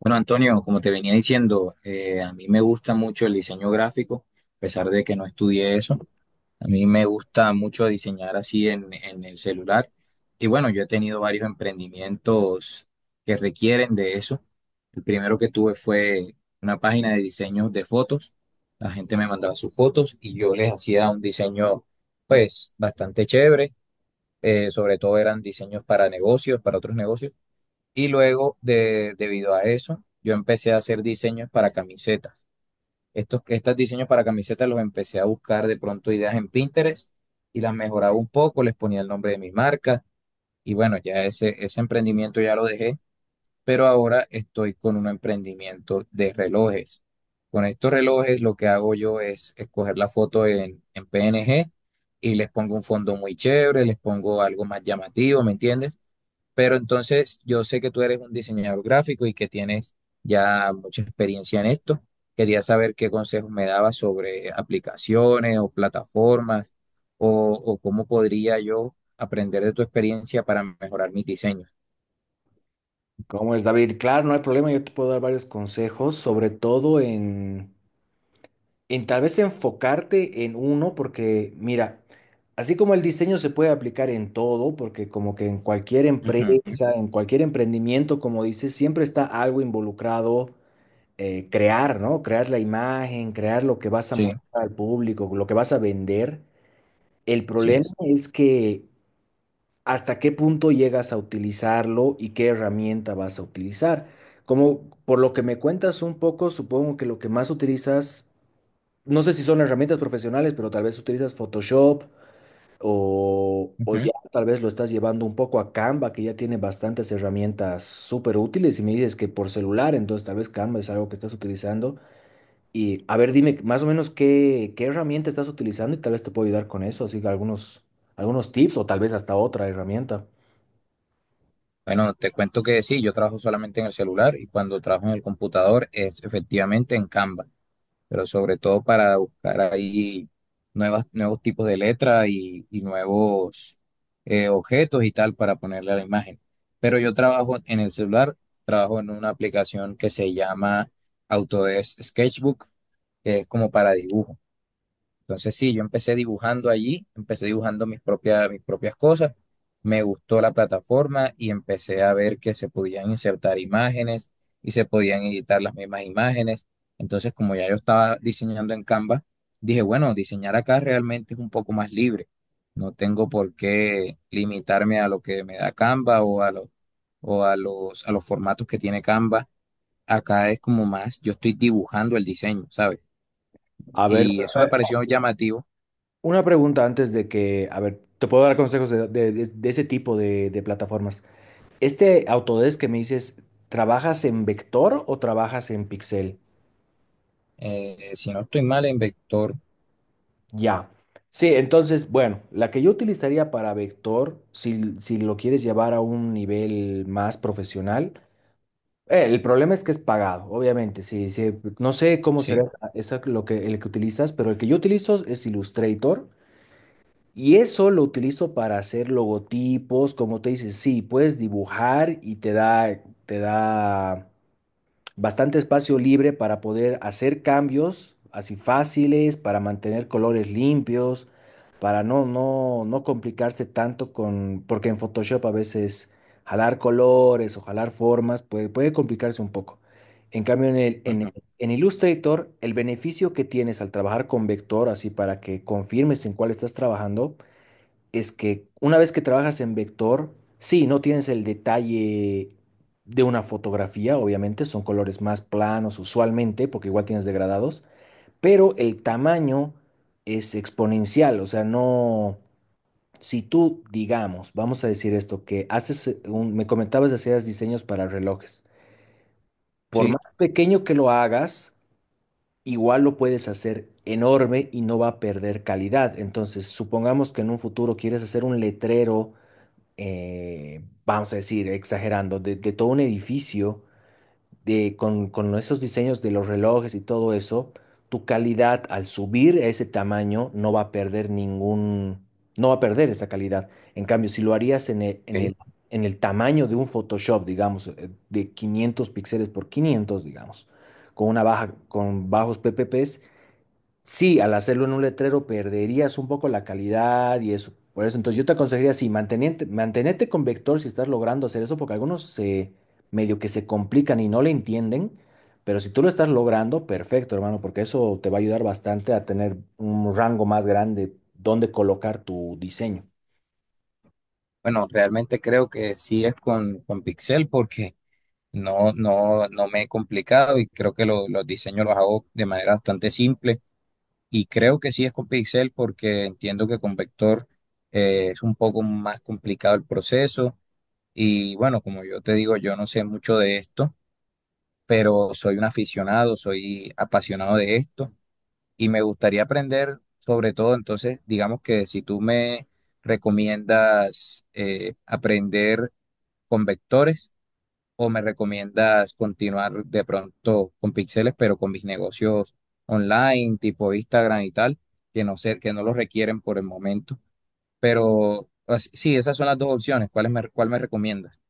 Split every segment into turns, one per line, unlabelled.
Bueno, Antonio, como te venía diciendo, a mí me gusta mucho el diseño gráfico, a pesar de que no estudié eso. A mí me gusta mucho diseñar así en el celular. Y bueno, yo he tenido varios emprendimientos que requieren de eso. El primero que tuve fue una página de diseños de fotos. La gente me mandaba sus fotos y yo les hacía un diseño, pues, bastante chévere. Sobre todo eran diseños para negocios, para otros negocios. Y luego, debido a eso, yo empecé a hacer diseños para camisetas. Estos diseños para camisetas los empecé a buscar de pronto ideas en Pinterest y las mejoraba un poco, les ponía el nombre de mi marca y bueno, ese emprendimiento ya lo dejé, pero ahora estoy con un emprendimiento de relojes. Con estos relojes lo que hago yo es escoger la foto en PNG y les pongo un fondo muy chévere, les pongo algo más llamativo, ¿me entiendes? Pero entonces yo sé que tú eres un diseñador gráfico y que tienes ya mucha experiencia en esto. Quería saber qué consejos me dabas sobre aplicaciones o plataformas o cómo podría yo aprender de tu experiencia para mejorar mis diseños.
Como es, David? Claro, no hay problema, yo te puedo dar varios consejos, sobre todo en tal vez enfocarte en uno, porque mira, así como el diseño se puede aplicar en todo, porque como que en cualquier
Ujú.
empresa, en cualquier emprendimiento, como dices, siempre está algo involucrado, crear, ¿no? Crear la imagen, crear lo que vas a
Sí,
mostrar al público, lo que vas a vender. El
sí
problema
es.
es que hasta qué punto llegas a utilizarlo y qué herramienta vas a utilizar. Como por lo que me cuentas un poco, supongo que lo que más utilizas, no sé si son herramientas profesionales, pero tal vez utilizas Photoshop o
Ujú.
ya tal vez lo estás llevando un poco a Canva, que ya tiene bastantes herramientas súper útiles y me dices que por celular, entonces tal vez Canva es algo que estás utilizando. Y a ver, dime más o menos qué herramienta estás utilizando y tal vez te puedo ayudar con eso, así que algunos tips o tal vez hasta otra herramienta.
Bueno, te cuento que sí, yo trabajo solamente en el celular y cuando trabajo en el computador es efectivamente en Canva, pero sobre todo para buscar ahí nuevos tipos de letra y nuevos objetos y tal para ponerle a la imagen. Pero yo trabajo en el celular, trabajo en una aplicación que se llama Autodesk Sketchbook, que es como para dibujo. Entonces sí, yo empecé dibujando allí, empecé dibujando mis propias cosas, me gustó la plataforma y empecé a ver que se podían insertar imágenes y se podían editar las mismas imágenes. Entonces como ya yo estaba diseñando en Canva, dije, bueno, diseñar acá realmente es un poco más libre. No tengo por qué limitarme a lo que me da Canva o o a a los formatos que tiene Canva. Acá es como más, yo estoy dibujando el diseño, ¿sabes?
A ver,
Y eso me
eh,
pareció llamativo.
una pregunta antes de que, a ver, te puedo dar consejos de ese tipo de plataformas. Este Autodesk que me dices, ¿trabajas en vector o trabajas en pixel?
Si no estoy mal, en vector,
Ya. Sí, entonces, bueno, la que yo utilizaría para vector, si lo quieres llevar a un nivel más profesional, el problema es que es pagado, obviamente. Sí, no sé cómo
sí.
será esa, lo que, el que utilizas, pero el que yo utilizo es Illustrator. Y eso lo utilizo para hacer logotipos, como te dices, sí, puedes dibujar y te da bastante espacio libre para poder hacer cambios así fáciles, para mantener colores limpios, para no complicarse tanto con, porque en Photoshop a veces jalar colores o jalar formas puede complicarse un poco. En cambio, en el, en,
Ujú.
en Illustrator, el beneficio que tienes al trabajar con vector, así para que confirmes en cuál estás trabajando, es que una vez que trabajas en vector, sí, no tienes el detalle de una fotografía, obviamente, son colores más planos usualmente, porque igual tienes degradados, pero el tamaño es exponencial, o sea, no, si tú, digamos, vamos a decir esto, que haces, me comentabas de hacer diseños para relojes, por
Sí,
más pequeño que lo hagas, igual lo puedes hacer enorme y no va a perder calidad. Entonces supongamos que en un futuro quieres hacer un letrero, vamos a decir, exagerando, de todo un edificio, con esos diseños de los relojes y todo eso, tu calidad al subir a ese tamaño no va a perder no va a perder esa calidad. En cambio, si lo harías
ok.
en el tamaño de un Photoshop, digamos, de 500 píxeles por 500 digamos, con bajos PPPs. Sí, al hacerlo en un letrero perderías un poco la calidad y eso. Por eso, entonces yo te aconsejaría, sí, mantenerte con vector si estás logrando hacer eso, porque algunos se medio que se complican y no le entienden, pero si tú lo estás logrando, perfecto, hermano, porque eso te va a ayudar bastante a tener un rango más grande donde colocar tu diseño.
Bueno, realmente creo que sí es con pixel porque no, no, no me he complicado y creo que los diseños los hago de manera bastante simple. Y creo que sí es con pixel porque entiendo que con vector es un poco más complicado el proceso. Y bueno, como yo te digo, yo no sé mucho de esto, pero soy un aficionado, soy apasionado de esto. Y me gustaría aprender sobre todo, entonces, digamos que si tú me recomiendas aprender con vectores o me recomiendas continuar de pronto con píxeles, pero con mis negocios online, tipo Instagram y tal, que no sé, que no los requieren por el momento. Pero sí, esas son las dos opciones. Cuál me recomiendas?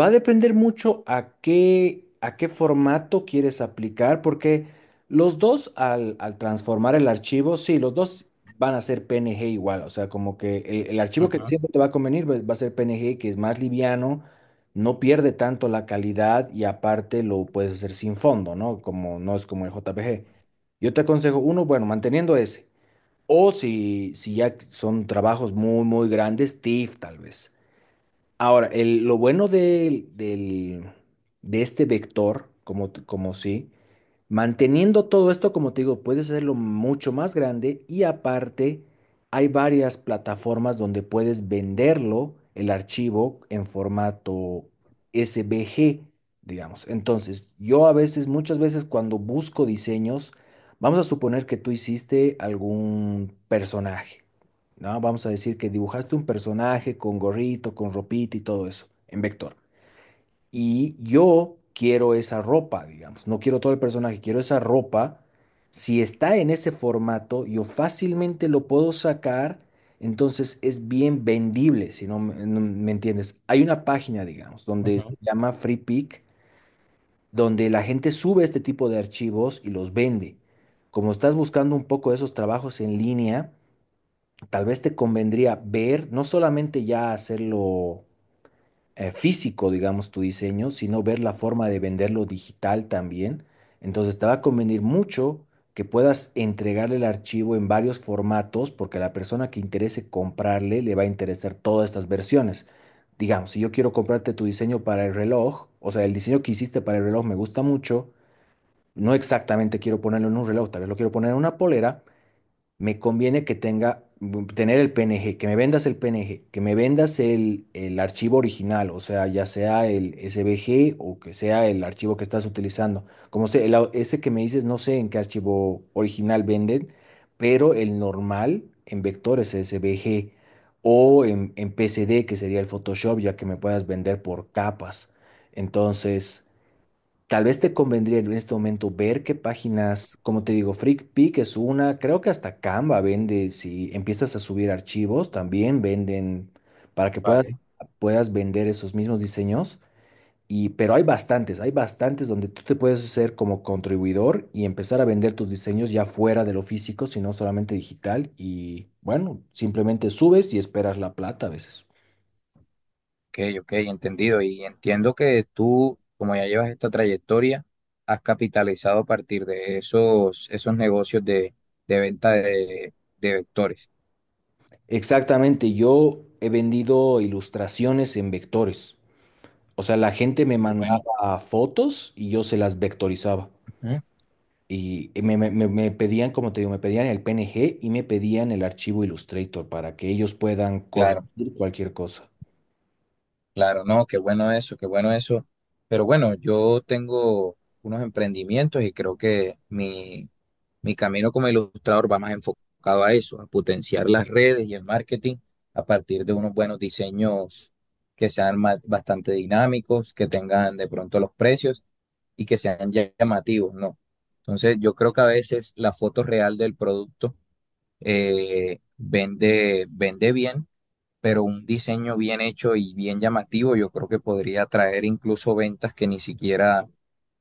Va a depender mucho a a qué formato quieres aplicar, porque los dos al transformar el archivo, sí, los dos van a ser PNG igual, o sea, como que el archivo que
Ujú,
siempre te va a convenir va a ser PNG, que es más liviano, no pierde tanto la calidad y aparte lo puedes hacer sin fondo, ¿no? Como no es como el JPG. Yo te aconsejo uno, bueno, manteniendo ese, o si, si ya son trabajos muy grandes, TIFF tal vez. Ahora, el- lo bueno del- del- de este vector, como sí, manteniendo todo esto, como te digo, puedes hacerlo mucho más grande y aparte hay varias plataformas donde puedes venderlo, el archivo, en formato SVG, digamos. Entonces, muchas veces cuando busco diseños, vamos a suponer que tú hiciste algún personaje. ¿No? Vamos a decir que dibujaste un personaje con gorrito, con ropita y todo eso, en vector. Y yo quiero esa ropa, digamos, no quiero todo el personaje, quiero esa ropa. Si está en ese formato, yo fácilmente lo puedo sacar, entonces es bien vendible, no me entiendes. Hay una página, digamos, donde
ujú.
se llama Free Pick, donde la gente sube este tipo de archivos y los vende. Como estás buscando un poco esos trabajos en línea, tal vez te convendría ver, no solamente ya hacerlo físico, digamos, tu diseño, sino ver la forma de venderlo digital también. Entonces te va a convenir mucho que puedas entregarle el archivo en varios formatos, porque a la persona que interese comprarle le va a interesar todas estas versiones. Digamos, si yo quiero comprarte tu diseño para el reloj, o sea, el diseño que hiciste para el reloj me gusta mucho, no exactamente quiero ponerlo en un reloj, tal vez lo quiero poner en una polera. Me conviene que tener el PNG, que me vendas el PNG, que me vendas el archivo original, o sea, ya sea el SVG o que sea el archivo que estás utilizando. Como sé, el ese que me dices, no sé en qué archivo original venden, pero el normal en vector es SVG en PCD, que sería el Photoshop, ya que me puedas vender por capas. Entonces, tal vez te convendría en este momento ver qué páginas, como te digo, FreakPic es una, creo que hasta Canva vende. Si empiezas a subir archivos, también venden para que puedas,
Vale.
puedas vender esos mismos diseños. Y pero hay bastantes donde tú te puedes hacer como contribuidor y empezar a vender tus diseños ya fuera de lo físico, sino solamente digital. Y bueno, simplemente subes y esperas la plata a veces.
Ok, ok, entendido. Y entiendo que tú, como ya llevas esta trayectoria, has capitalizado a partir de esos negocios de venta de vectores.
Exactamente, yo he vendido ilustraciones en vectores. O sea, la gente me
Qué bueno.
mandaba fotos y yo se las vectorizaba.
Ujú.
Y me pedían, como te digo, me pedían el PNG y me pedían el archivo Illustrator para que ellos puedan
Claro,
corregir cualquier cosa.
claro, no, qué bueno eso, qué bueno eso. Pero bueno, yo tengo unos emprendimientos y creo que mi camino como ilustrador va más enfocado a eso, a potenciar las redes y el marketing a partir de unos buenos diseños que sean bastante dinámicos, que tengan de pronto los precios y que sean llamativos, ¿no? Entonces, yo creo que a veces la foto real del producto vende, vende bien, pero un diseño bien hecho y bien llamativo, yo creo que podría traer incluso ventas que ni siquiera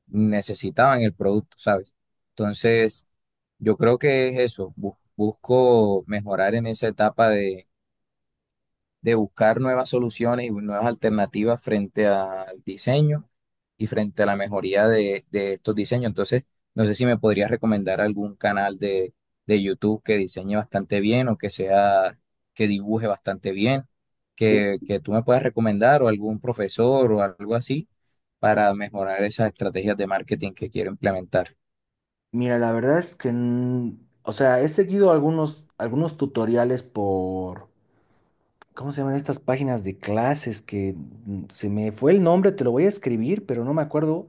necesitaban el producto, ¿sabes? Entonces, yo creo que es eso, busco mejorar en esa etapa de buscar nuevas soluciones y nuevas alternativas frente al diseño y frente a la mejoría de estos diseños. Entonces, no sé si me podrías recomendar algún canal de YouTube que diseñe bastante bien o que sea, que dibuje bastante bien,
Uh,
que tú me puedas recomendar o algún profesor o algo así para mejorar esas estrategias de marketing que quiero implementar.
Mira, la verdad es que, o sea, he seguido algunos tutoriales por, ¿cómo se llaman estas páginas de clases? Que se me fue el nombre, te lo voy a escribir, pero no me acuerdo.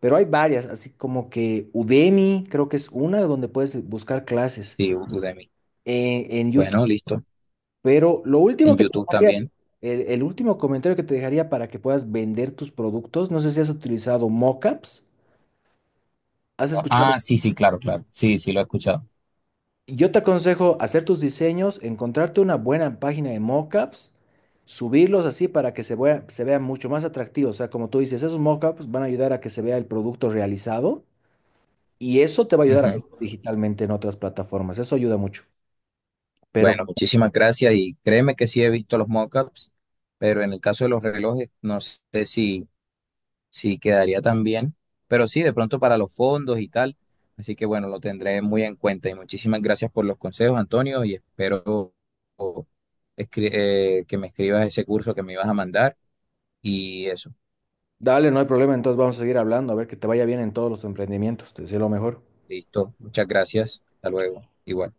Pero hay varias, así como que Udemy, creo que es una donde puedes buscar clases
Sí, Udemy.
en YouTube.
Bueno, listo.
Pero lo
En
último que te
YouTube
dejaría,
también.
el último comentario que te dejaría para que puedas vender tus productos, no sé si has utilizado mockups, has escuchado.
Ah, sí, sí, claro, claro. Sí, sí, lo he escuchado.
Yo te aconsejo hacer tus diseños, encontrarte una buena página de mockups, subirlos así para que se vea mucho más atractivo. O sea, como tú dices, esos mockups van a ayudar a que se vea el producto realizado y eso te va a ayudar a
Ujú.
vender digitalmente en otras plataformas. Eso ayuda mucho. Pero
Bueno, muchísimas gracias y créeme que sí he visto los mockups, pero en el caso de los relojes no sé si, si quedaría tan bien, pero sí, de pronto para los fondos y tal. Así que bueno, lo tendré muy en cuenta y muchísimas gracias por los consejos, Antonio, y espero o, que me escribas ese curso que me ibas a mandar y eso.
dale, no hay problema. Entonces vamos a seguir hablando, a ver que te vaya bien en todos los emprendimientos. Te deseo lo mejor.
Listo, muchas gracias. Hasta luego. Igual.